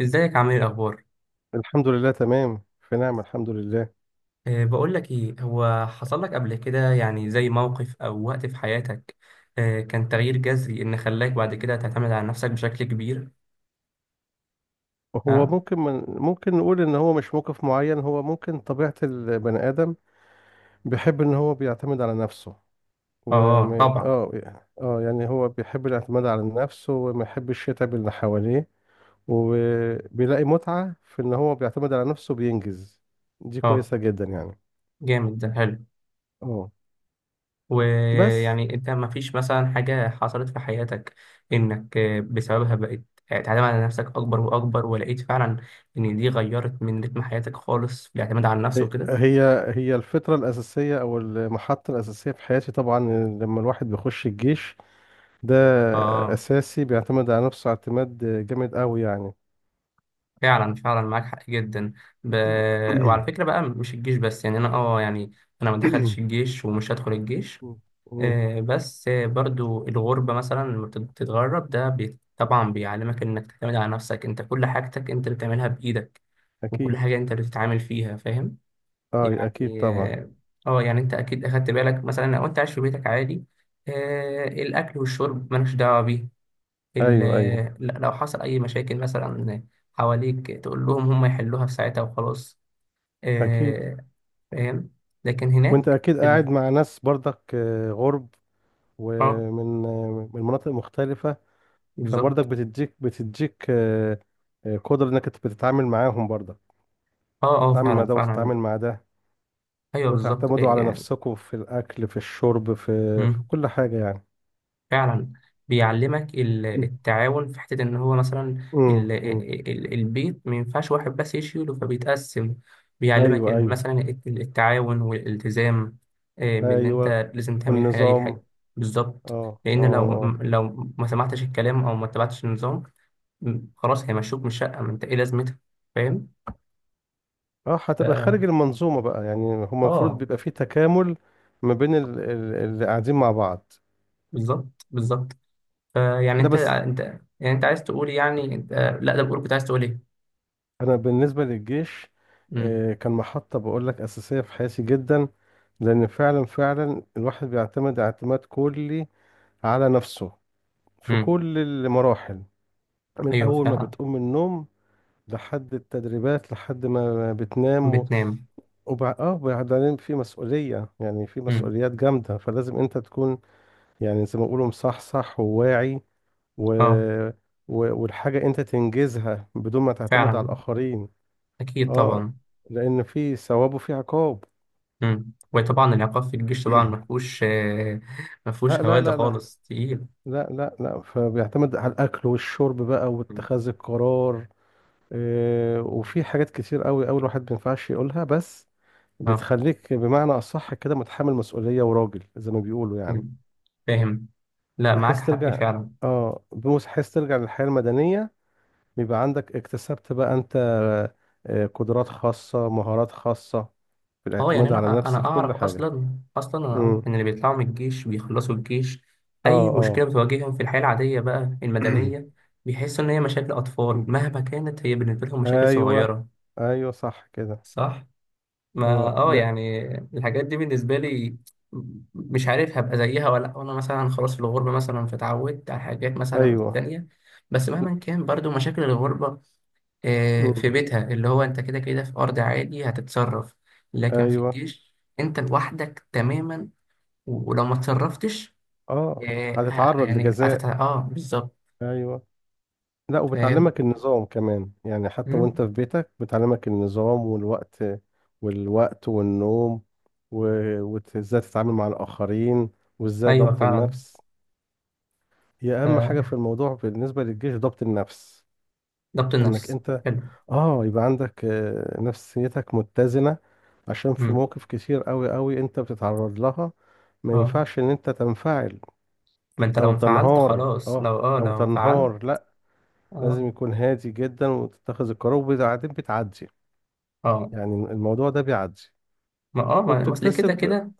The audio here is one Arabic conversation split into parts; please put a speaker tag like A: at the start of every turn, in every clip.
A: ازيك، عامل ايه، الاخبار؟
B: الحمد لله، تمام، في، نعم، الحمد لله.
A: بقول لك ايه، هو حصل لك قبل كده يعني زي موقف او وقت في حياتك؟ كان تغيير جذري ان خلاك بعد كده تعتمد على نفسك بشكل كبير؟
B: هو
A: ها.
B: ممكن من ممكن نقول ان هو مش موقف معين، هو ممكن طبيعة البني آدم بيحب ان هو بيعتمد على نفسه.
A: اه،
B: وما
A: طبعا.
B: اه اه يعني هو بيحب الاعتماد على نفسه وما يحبش يتعب اللي حواليه، وبيلاقي متعة في ان هو بيعتمد على نفسه بينجز. دي
A: اه،
B: كويسة جدا يعني.
A: جامد، ده حلو.
B: اه، بس
A: ويعني انت، ما فيش مثلا حاجة حصلت في حياتك انك بسببها بقيت، تعتمد على نفسك اكبر واكبر، ولقيت فعلا ان دي غيرت من رتم حياتك خالص في الاعتماد على النفس
B: هي
A: وكده؟
B: هي هي الفطرة الأساسية أو المحطة الأساسية في حياتي طبعا، لما الواحد بيخش الجيش ده
A: اه،
B: أساسي بيعتمد على نفسه اعتماد جامد قوي يعني.
A: فعلا فعلا، معاك حق جدا. ب... وعلى فكرة بقى، مش الجيش بس، يعني انا يعني انا ما دخلتش الجيش، ومش هدخل الجيش.
B: مم.
A: بس برضو الغربة، مثلا لما بتتغرب ده طبعا بيعلمك انك تعتمد على نفسك، انت كل حاجتك انت اللي بتعملها بايدك. وكل
B: أكيد.
A: حاجة انت اللي بتتعامل فيها، فاهم؟
B: أه، أكيد
A: يعني،
B: طبعا.
A: اه. يعني انت اكيد اخدت بالك، مثلا لو انت عايش في بيتك عادي، الاكل والشرب مالكش دعوة بيه. ال-
B: أيوه أيوه.
A: لو حصل أي مشاكل مثلا حواليك، تقول لهم هم يحلوها في ساعتها وخلاص.
B: أكيد.
A: آه، فاهم؟ لكن
B: وأنت
A: هناك
B: أكيد
A: في
B: قاعد مع ناس برضك غرب،
A: اه،
B: ومن آه، من مناطق مختلفة. فبرضك
A: بالظبط.
B: بتديك قدرة إنك أنت بتتعامل معاهم برضك،
A: اه اه،
B: تتعامل مع
A: فعلا
B: ده
A: فعلا.
B: وتتعامل مع ده.
A: أيوه، بالظبط،
B: وتعتمدوا
A: إيه
B: على
A: يعني.
B: نفسكم في الأكل في الشرب في
A: مم.
B: كل حاجة يعني.
A: فعلا. بيعلمك التعاون في حتة إن هو مثلا،
B: مم. مم.
A: البيت ما ينفعش واحد بس يشيله، فبيتقسم. بيعلمك
B: أيوه
A: إن
B: أيوه.
A: مثلا التعاون والالتزام. بإن
B: ايوه
A: أنت لازم تعمل حاجة، دي
B: والنظام.
A: حاجة. بالظبط.
B: اه اه
A: لأن لو
B: اه
A: لو ما سمعتش الكلام أو ما تبعتش النظام، خلاص هيمشوك من الشقة، ما أنت إيه لازمتها؟ فاهم؟
B: اه. هتبقى خارج
A: ف-
B: المنظومة بقى، يعني هو المفروض
A: آه
B: بيبقى فيه تكامل ما بين اللي قاعدين مع بعض.
A: بالظبط، بالظبط. فيعني
B: ده
A: أنت
B: بس.
A: أنت يعني أنت عايز تقول، يعني أنت. لا، ده بقول كنت عايز تقول إيه؟
B: انا بالنسبة للجيش،
A: مم.
B: كان محطة بقول لك أساسية في حياتي جدا، لأن فعلا فعلا الواحد بيعتمد اعتماد كلي على نفسه في
A: مم.
B: كل المراحل، من
A: أيوة،
B: أول ما
A: فعلا.
B: بتقوم من النوم لحد التدريبات لحد ما بتنام.
A: بتنام.
B: وبعدين في مسؤولية، يعني في
A: مم.
B: مسؤوليات جامدة، فلازم انت تكون يعني زي ما بيقولوا مصحصح وواعي. و...
A: أه،
B: والحاجة انت تنجزها بدون ما تعتمد على
A: فعلا.
B: الآخرين.
A: أكيد،
B: اه،
A: طبعا.
B: لأن في ثواب وفي عقاب.
A: مم. وطبعا العقاب في الجيش طبعا مفهوش،
B: لا
A: مفهوش
B: لا
A: هوادة
B: لا لا،
A: خالص، تقيل.
B: لا لا لا. فبيعتمد على الأكل والشرب بقى
A: مم.
B: واتخاذ القرار. آه، وفي حاجات كتير قوي قوي الواحد ما ينفعش يقولها، بس
A: أه.
B: بتخليك بمعنى أصح كده متحمل مسؤولية وراجل زي ما بيقولوا يعني.
A: مم. فاهم. لا، معاك
B: بحيث
A: حق
B: ترجع،
A: فعلا.
B: للحياة المدنية بيبقى عندك اكتسبت بقى انت قدرات خاصة، مهارات خاصة في
A: أه، يعني
B: الاعتماد على
A: أنا
B: النفس
A: أنا
B: في كل
A: أعرف
B: حاجة.
A: أصلا، أصلا أنا
B: امم.
A: أعرف إن اللي بيطلعوا من الجيش بيخلصوا الجيش،
B: اه
A: أي مشكلة
B: اه.
A: بتواجههم في الحياة العادية بقى المدنية، بيحسوا إن هي مشاكل أطفال، مهما كانت هي بالنسبة لهم مشاكل
B: ايوه
A: صغيرة.
B: ايوه، صح كده.
A: صح؟ ما
B: اه، لا.
A: يعني الحاجات دي بالنسبة لي، مش عارف هبقى زيها ولا لأ. وانا مثلا خلاص في الغربة مثلا، فتعودت على حاجات مثلا
B: ايوه.
A: تانية. بس مهما كان، برضو مشاكل الغربة، في
B: مم.
A: بيتها اللي هو انت كده كده في ارض عادي هتتصرف. لكن في
B: ايوه.
A: الجيش، انت لوحدك تماما. ولو ما اتصرفتش،
B: اه، هتتعرض
A: يعني
B: لجزاء.
A: بالظبط.
B: ايوه. لا،
A: فاهم.
B: وبتعلمك النظام كمان، يعني حتى
A: مم.
B: وانت في بيتك بتعلمك النظام والوقت والنوم، وازاي تتعامل مع الآخرين، وازاي
A: ايوه،
B: ضبط
A: فعلا.
B: النفس. هي أهم
A: آه،
B: حاجة في الموضوع بالنسبة للجيش ضبط النفس،
A: ضبط
B: انك
A: النفس.
B: انت
A: حلو.
B: اه يبقى عندك نفسيتك متزنة، عشان في
A: مم.
B: مواقف كتير قوي قوي انت بتتعرض لها، ما
A: اه،
B: ينفعش ان انت تنفعل
A: ما انت لو
B: او
A: انفعلت
B: تنهار.
A: خلاص، لو اه لو انفعلت.
B: لا،
A: اه
B: لازم يكون هادي جدا وتتخذ القرار وبعدين بتعدي
A: اه.
B: يعني. الموضوع ده بيعدي
A: ما اصل كده
B: وبتكتسب.
A: كده،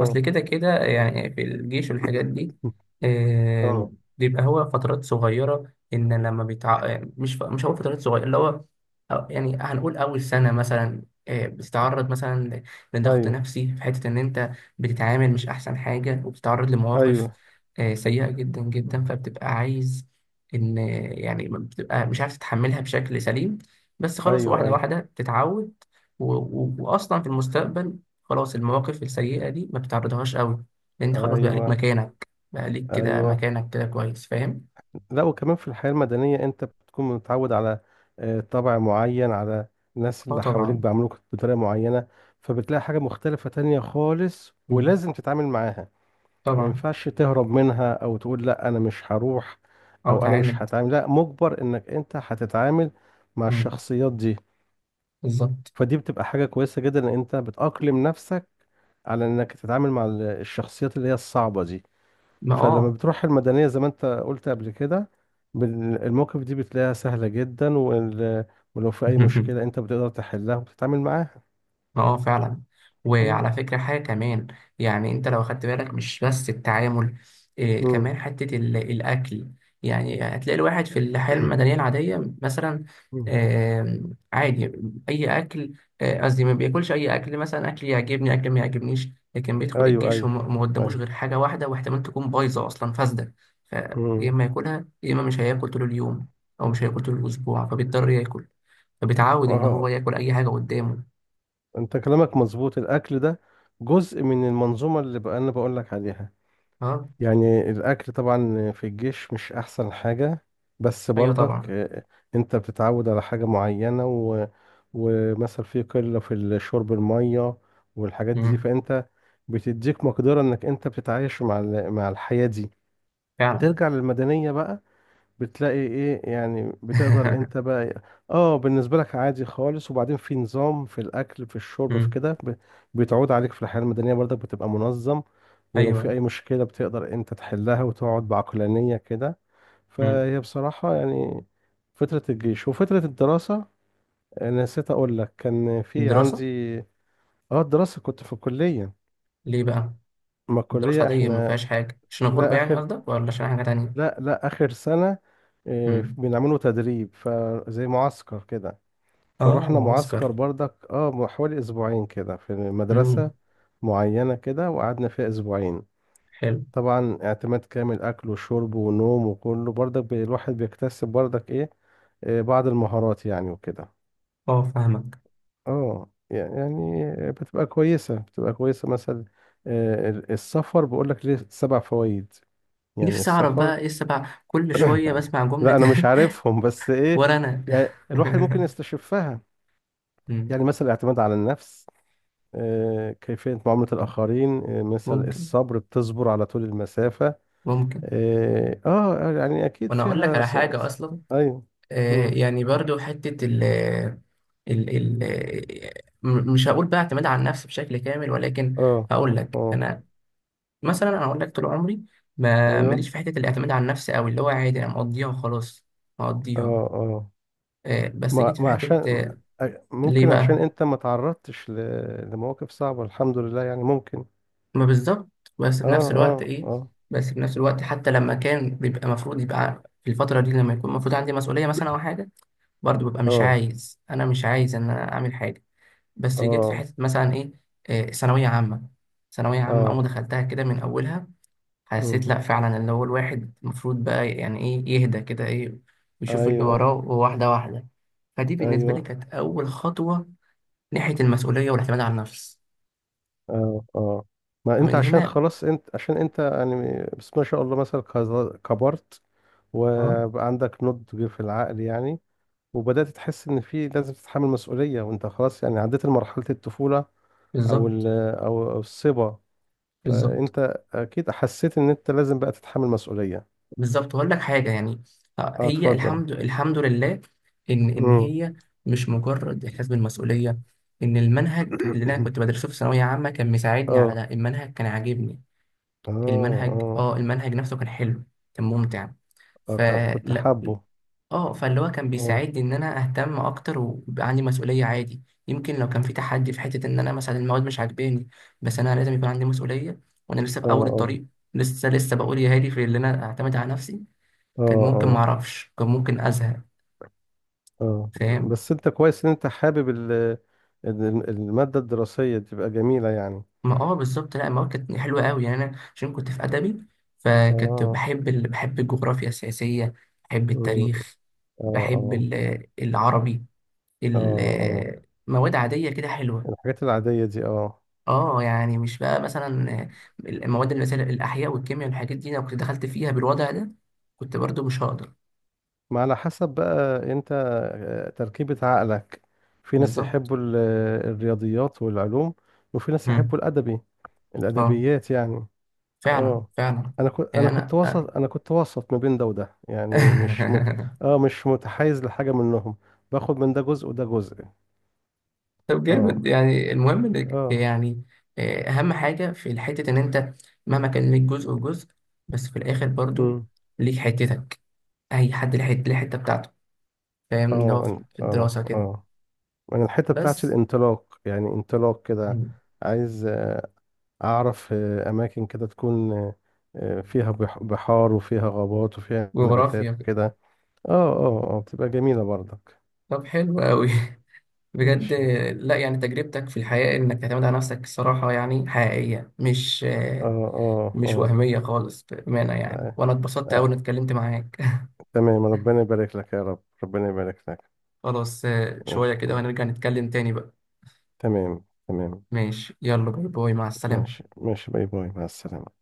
A: اصل كده كده يعني في الجيش والحاجات دي. آه،
B: اه،
A: بيبقى هو فترات صغيرة، إن لما بيتع آه، مش هقول فترات صغيرة، اللي هو، يعني هنقول أول سنة مثلا، بتتعرض مثلا لضغط
B: ايوه
A: نفسي، في حتة إن أنت بتتعامل مش أحسن حاجة، وبتتعرض لمواقف
B: ايوه
A: سيئة جدا جدا، فبتبقى عايز إن، يعني، بتبقى مش عارف تتحملها بشكل سليم. بس خلاص،
B: ايوه
A: واحدة
B: ايوه
A: واحدة بتتعود. وأصلا في المستقبل، خلاص المواقف السيئة دي ما بتعرضهاش قوي، لأن أنت خلاص بقى ليك
B: ايوه
A: مكانك، بقى ليك كده
B: ايوه.
A: مكانك كده كويس، فاهم؟
B: لا، وكمان في الحياه المدنيه انت بتكون متعود على طبع معين، على الناس
A: اه،
B: اللي حواليك
A: طبعا.
B: بيعاملوك بطريقه معينه، فبتلاقي حاجه مختلفه تانية خالص
A: مم.
B: ولازم تتعامل معاها. ما
A: طبعا.
B: ينفعش تهرب منها او تقول لا انا مش هروح،
A: أو
B: او انا مش
A: تعاند.
B: هتعامل، لا مجبر انك انت هتتعامل مع
A: مم.
B: الشخصيات دي.
A: بالظبط.
B: فدي بتبقى حاجة كويسة جدا ان انت بتأقلم نفسك على انك تتعامل مع الشخصيات اللي هي الصعبة دي.
A: ما
B: فلما
A: اه.
B: بتروح المدنية زي ما انت قلت قبل كده المواقف دي بتلاقيها سهلة جدا، ولو في اي مشكلة انت بتقدر تحلها وبتتعامل معاها.
A: اه، فعلا.
B: مم.
A: وعلى فكرة حاجة كمان، يعني انت لو خدت بالك، مش بس التعامل، إيه
B: مم.
A: كمان، حتة الأكل. يعني هتلاقي الواحد في الحياة المدنية العادية مثلا،
B: مم.
A: عادي، أي أكل، قصدي ما بياكلش أي أكل، مثلا أكل يعجبني أكل ما يعجبنيش. لكن بيدخل
B: ايوه
A: الجيش،
B: ايوه
A: وما ما قداموش
B: ايوه.
A: غير حاجة واحدة، واحتمال تكون بايظة أصلا، فاسدة. فيا
B: مم.
A: إما ياكلها، يا إما مش هياكل طول اليوم، أو مش هياكل طول الأسبوع، فبيضطر ياكل. فبيتعود إن هو
B: اه،
A: ياكل أي حاجة قدامه.
B: انت كلامك مظبوط. الاكل ده جزء من المنظومه اللي بقى انا بقول لك عليها.
A: اه.
B: يعني الاكل طبعا في الجيش مش احسن حاجه، بس
A: ايوه،
B: برضك
A: طبعا.
B: انت بتتعود على حاجه معينه. ومثلا في قله في الشرب الميه والحاجات دي،
A: امم.
B: فانت بتديك مقدره انك انت بتتعايش مع الحياه دي.
A: فعلا.
B: ترجع للمدنيه بقى بتلاقي ايه يعني، بتقدر انت بقى. اه، بالنسبة لك عادي خالص. وبعدين في نظام في الاكل في الشرب في
A: امم.
B: كده، بتعود عليك في الحياة المدنية برضك بتبقى منظم، ولو في اي
A: ايوه.
B: مشكلة بتقدر انت تحلها وتقعد بعقلانية كده.
A: امم.
B: فهي بصراحة يعني فترة الجيش وفترة الدراسة. أنا نسيت اقول لك كان في
A: الدراسه.
B: عندي، اه الدراسة، كنت في الكلية.
A: ليه بقى؟
B: ما
A: الدراسه
B: الكلية
A: عاديه ما
B: احنا
A: فيهاش حاجه، عشان
B: لا
A: الغربه يعني
B: اخر،
A: قصدك، ولا عشان حاجه تانية؟
B: لا لا اخر سنة، إيه،
A: امم.
B: بنعمله تدريب فزي معسكر كده.
A: اه،
B: فروحنا معسكر
A: معسكر.
B: برضك اه حوالي اسبوعين كده في مدرسة
A: امم.
B: معينة كده، وقعدنا فيها اسبوعين.
A: حلو.
B: طبعا اعتماد كامل، اكل وشرب ونوم وكله برضك الواحد بيكتسب برضك ايه بعض المهارات يعني وكده.
A: اه، فاهمك.
B: اه يعني بتبقى كويسة، بتبقى كويسة مثلا السفر بقولك ليه سبع فوائد، يعني
A: نفسي اعرف
B: السفر.
A: بقى ايه السبع، كل شويه بسمع جمله.
B: لا انا مش عارفهم بس ايه،
A: ورا انا.
B: يعني الواحد ممكن يستشفها.
A: أمم.
B: يعني مثلا الاعتماد على النفس، كيفية معاملة الآخرين، مثل
A: ممكن،
B: الصبر بتصبر على طول المسافة.
A: ممكن.
B: آه آه آه، يعني أكيد
A: وانا اقول لك
B: فيها
A: على حاجه اصلا.
B: أيوه. مم.
A: يعني برضو حته ال ال ال مش هقول بقى اعتماد على النفس بشكل كامل، ولكن
B: آه
A: هقول لك
B: آه.
A: انا. مثلا انا اقول لك، طول عمري ما
B: أيوه.
A: ماليش في حته الاعتماد على النفس قوي، اللي هو عادي انا مقضيها وخلاص.
B: آه
A: مقضيها.
B: آه.
A: بس
B: ما
A: جيت في
B: ما
A: حته،
B: عشان
A: ليه
B: ممكن عشان
A: بقى؟
B: أنت ما تعرضتش لمواقف صعبة، الحمد لله يعني ممكن.
A: ما بالظبط، بس
B: آه
A: في نفس الوقت،
B: آه
A: ايه.
B: آه
A: بس في نفس الوقت حتى لما كان بيبقى المفروض يبقى في الفتره دي، لما يكون المفروض عندي مسؤوليه مثلا او حاجه، برضو ببقى مش
B: آه
A: عايز، انا مش عايز ان انا اعمل حاجه. بس جيت في
B: آه
A: حته مثلا ايه، ثانويه عامه. ثانويه عامه، اول ما
B: آه.
A: دخلتها كده من اولها، حسيت
B: مم.
A: لأ فعلا، اللي هو الواحد المفروض بقى يعني إيه، يهدى كده، إيه، ويشوف اللي
B: أيوه
A: وراه واحدة واحدة. فدي بالنسبة لي
B: أيوه.
A: كانت أول خطوة ناحية المسؤولية والاعتماد على النفس.
B: اه اه، ما انت
A: فمن
B: عشان
A: هنا.
B: خلاص انت عشان انت يعني، بس ما شاء الله مثلا كبرت
A: أه،
B: وبقى عندك نضج في العقل يعني، وبدأت تحس ان في لازم تتحمل مسؤولية وانت خلاص يعني عديت مرحلة الطفولة، او
A: بالظبط.
B: أو الصبا.
A: بالظبط،
B: فانت اكيد حسيت ان انت لازم بقى تتحمل مسؤولية.
A: بالظبط. وأقول لك حاجة يعني،
B: اه،
A: هي،
B: اتفضل.
A: الحمد لله، إن
B: امم.
A: هي مش مجرد إحساس بالمسؤولية، إن المنهج اللي أنا كنت بدرسه في ثانوية عامة كان مساعدني على
B: اه
A: ده. المنهج كان عاجبني،
B: اه
A: المنهج
B: اه
A: أه المنهج نفسه كان حلو، كان ممتع.
B: اه. كنت
A: فلا.
B: حابه.
A: اه، فاللي هو كان
B: اه
A: بيساعدني ان انا اهتم اكتر، ويبقى عندي مسؤوليه عادي. يمكن لو كان في تحدي في حته ان انا مثلا المواد مش عاجباني، بس انا لازم يكون عندي مسؤوليه، وانا لسه
B: اه
A: في اول
B: اه
A: الطريق، لسه بقول يا هادي في اللي انا اعتمد على نفسي، كان
B: اه
A: ممكن ما
B: اه
A: اعرفش، كان ممكن ازهق.
B: اه.
A: فاهم.
B: بس انت كويس ان انت حابب المادة الدراسية تبقى جميلة يعني.
A: ما اه بالظبط. لا، المواد كانت حلوه قوي، يعني انا عشان كنت في ادبي، فكنت
B: اه.
A: بحب بحب الجغرافيا السياسيه، بحب
B: أمم.
A: التاريخ،
B: اه
A: بحب
B: اه
A: العربي،
B: اه اه.
A: مواد عاديه كده حلوه.
B: الحاجات العادية دي اه.
A: اه، يعني مش بقى مثلا المواد اللي مثلا الاحياء والكيمياء والحاجات دي، لو كنت دخلت فيها بالوضع ده، كنت برضو مش هقدر.
B: ما على حسب بقى انت تركيبة عقلك. في ناس
A: بالظبط.
B: يحبوا الرياضيات والعلوم، وفي ناس
A: مم.
B: يحبوا الأدبي،
A: اه،
B: الأدبيات يعني.
A: فعلا
B: اه.
A: فعلا. يعني انا.
B: انا كنت وسط ما بين ده وده، يعني مش مت... اه مش متحيز لحاجة منهم، باخد من ده جزء وده جزء.
A: طب جامد،
B: اه
A: يعني المهم انك
B: اه.
A: يعني، اهم حاجه في الحته ان انت مهما كان ليك جزء وجزء، بس في الاخر برضو
B: امم.
A: ليك حتتك، اي حد ليه حته، ليه حته بتاعته. فاهم ان
B: اه.
A: هو في الدراسه كده.
B: انا الحته بتاعت
A: بس.
B: الانطلاق، يعني انطلاق كده،
A: مم.
B: عايز اعرف اماكن كده تكون فيها بحار وفيها غابات وفيها نباتات
A: جغرافيا.
B: وكده. اه اه اه، بتبقى جميله برضك.
A: طب حلو قوي. بجد.
B: ماشي اه.
A: لا يعني تجربتك في الحياة إنك تعتمد على نفسك، الصراحة يعني حقيقية، مش
B: اه
A: مش
B: اه.
A: وهمية خالص، بأمانة يعني،
B: آه،
A: وأنا اتبسطت أوي
B: آه،
A: إني اتكلمت معاك.
B: تمام، ربنا يبارك لك يا رب، ربنا يبارك لك.
A: خلاص، شوية
B: ماشي
A: كده
B: ماشي،
A: وهنرجع نتكلم تاني بقى.
B: تمام تمام.
A: ماشي، يلا، باي باي، مع السلامة.
B: ماشي ماشي، باي باي، مع السلامه.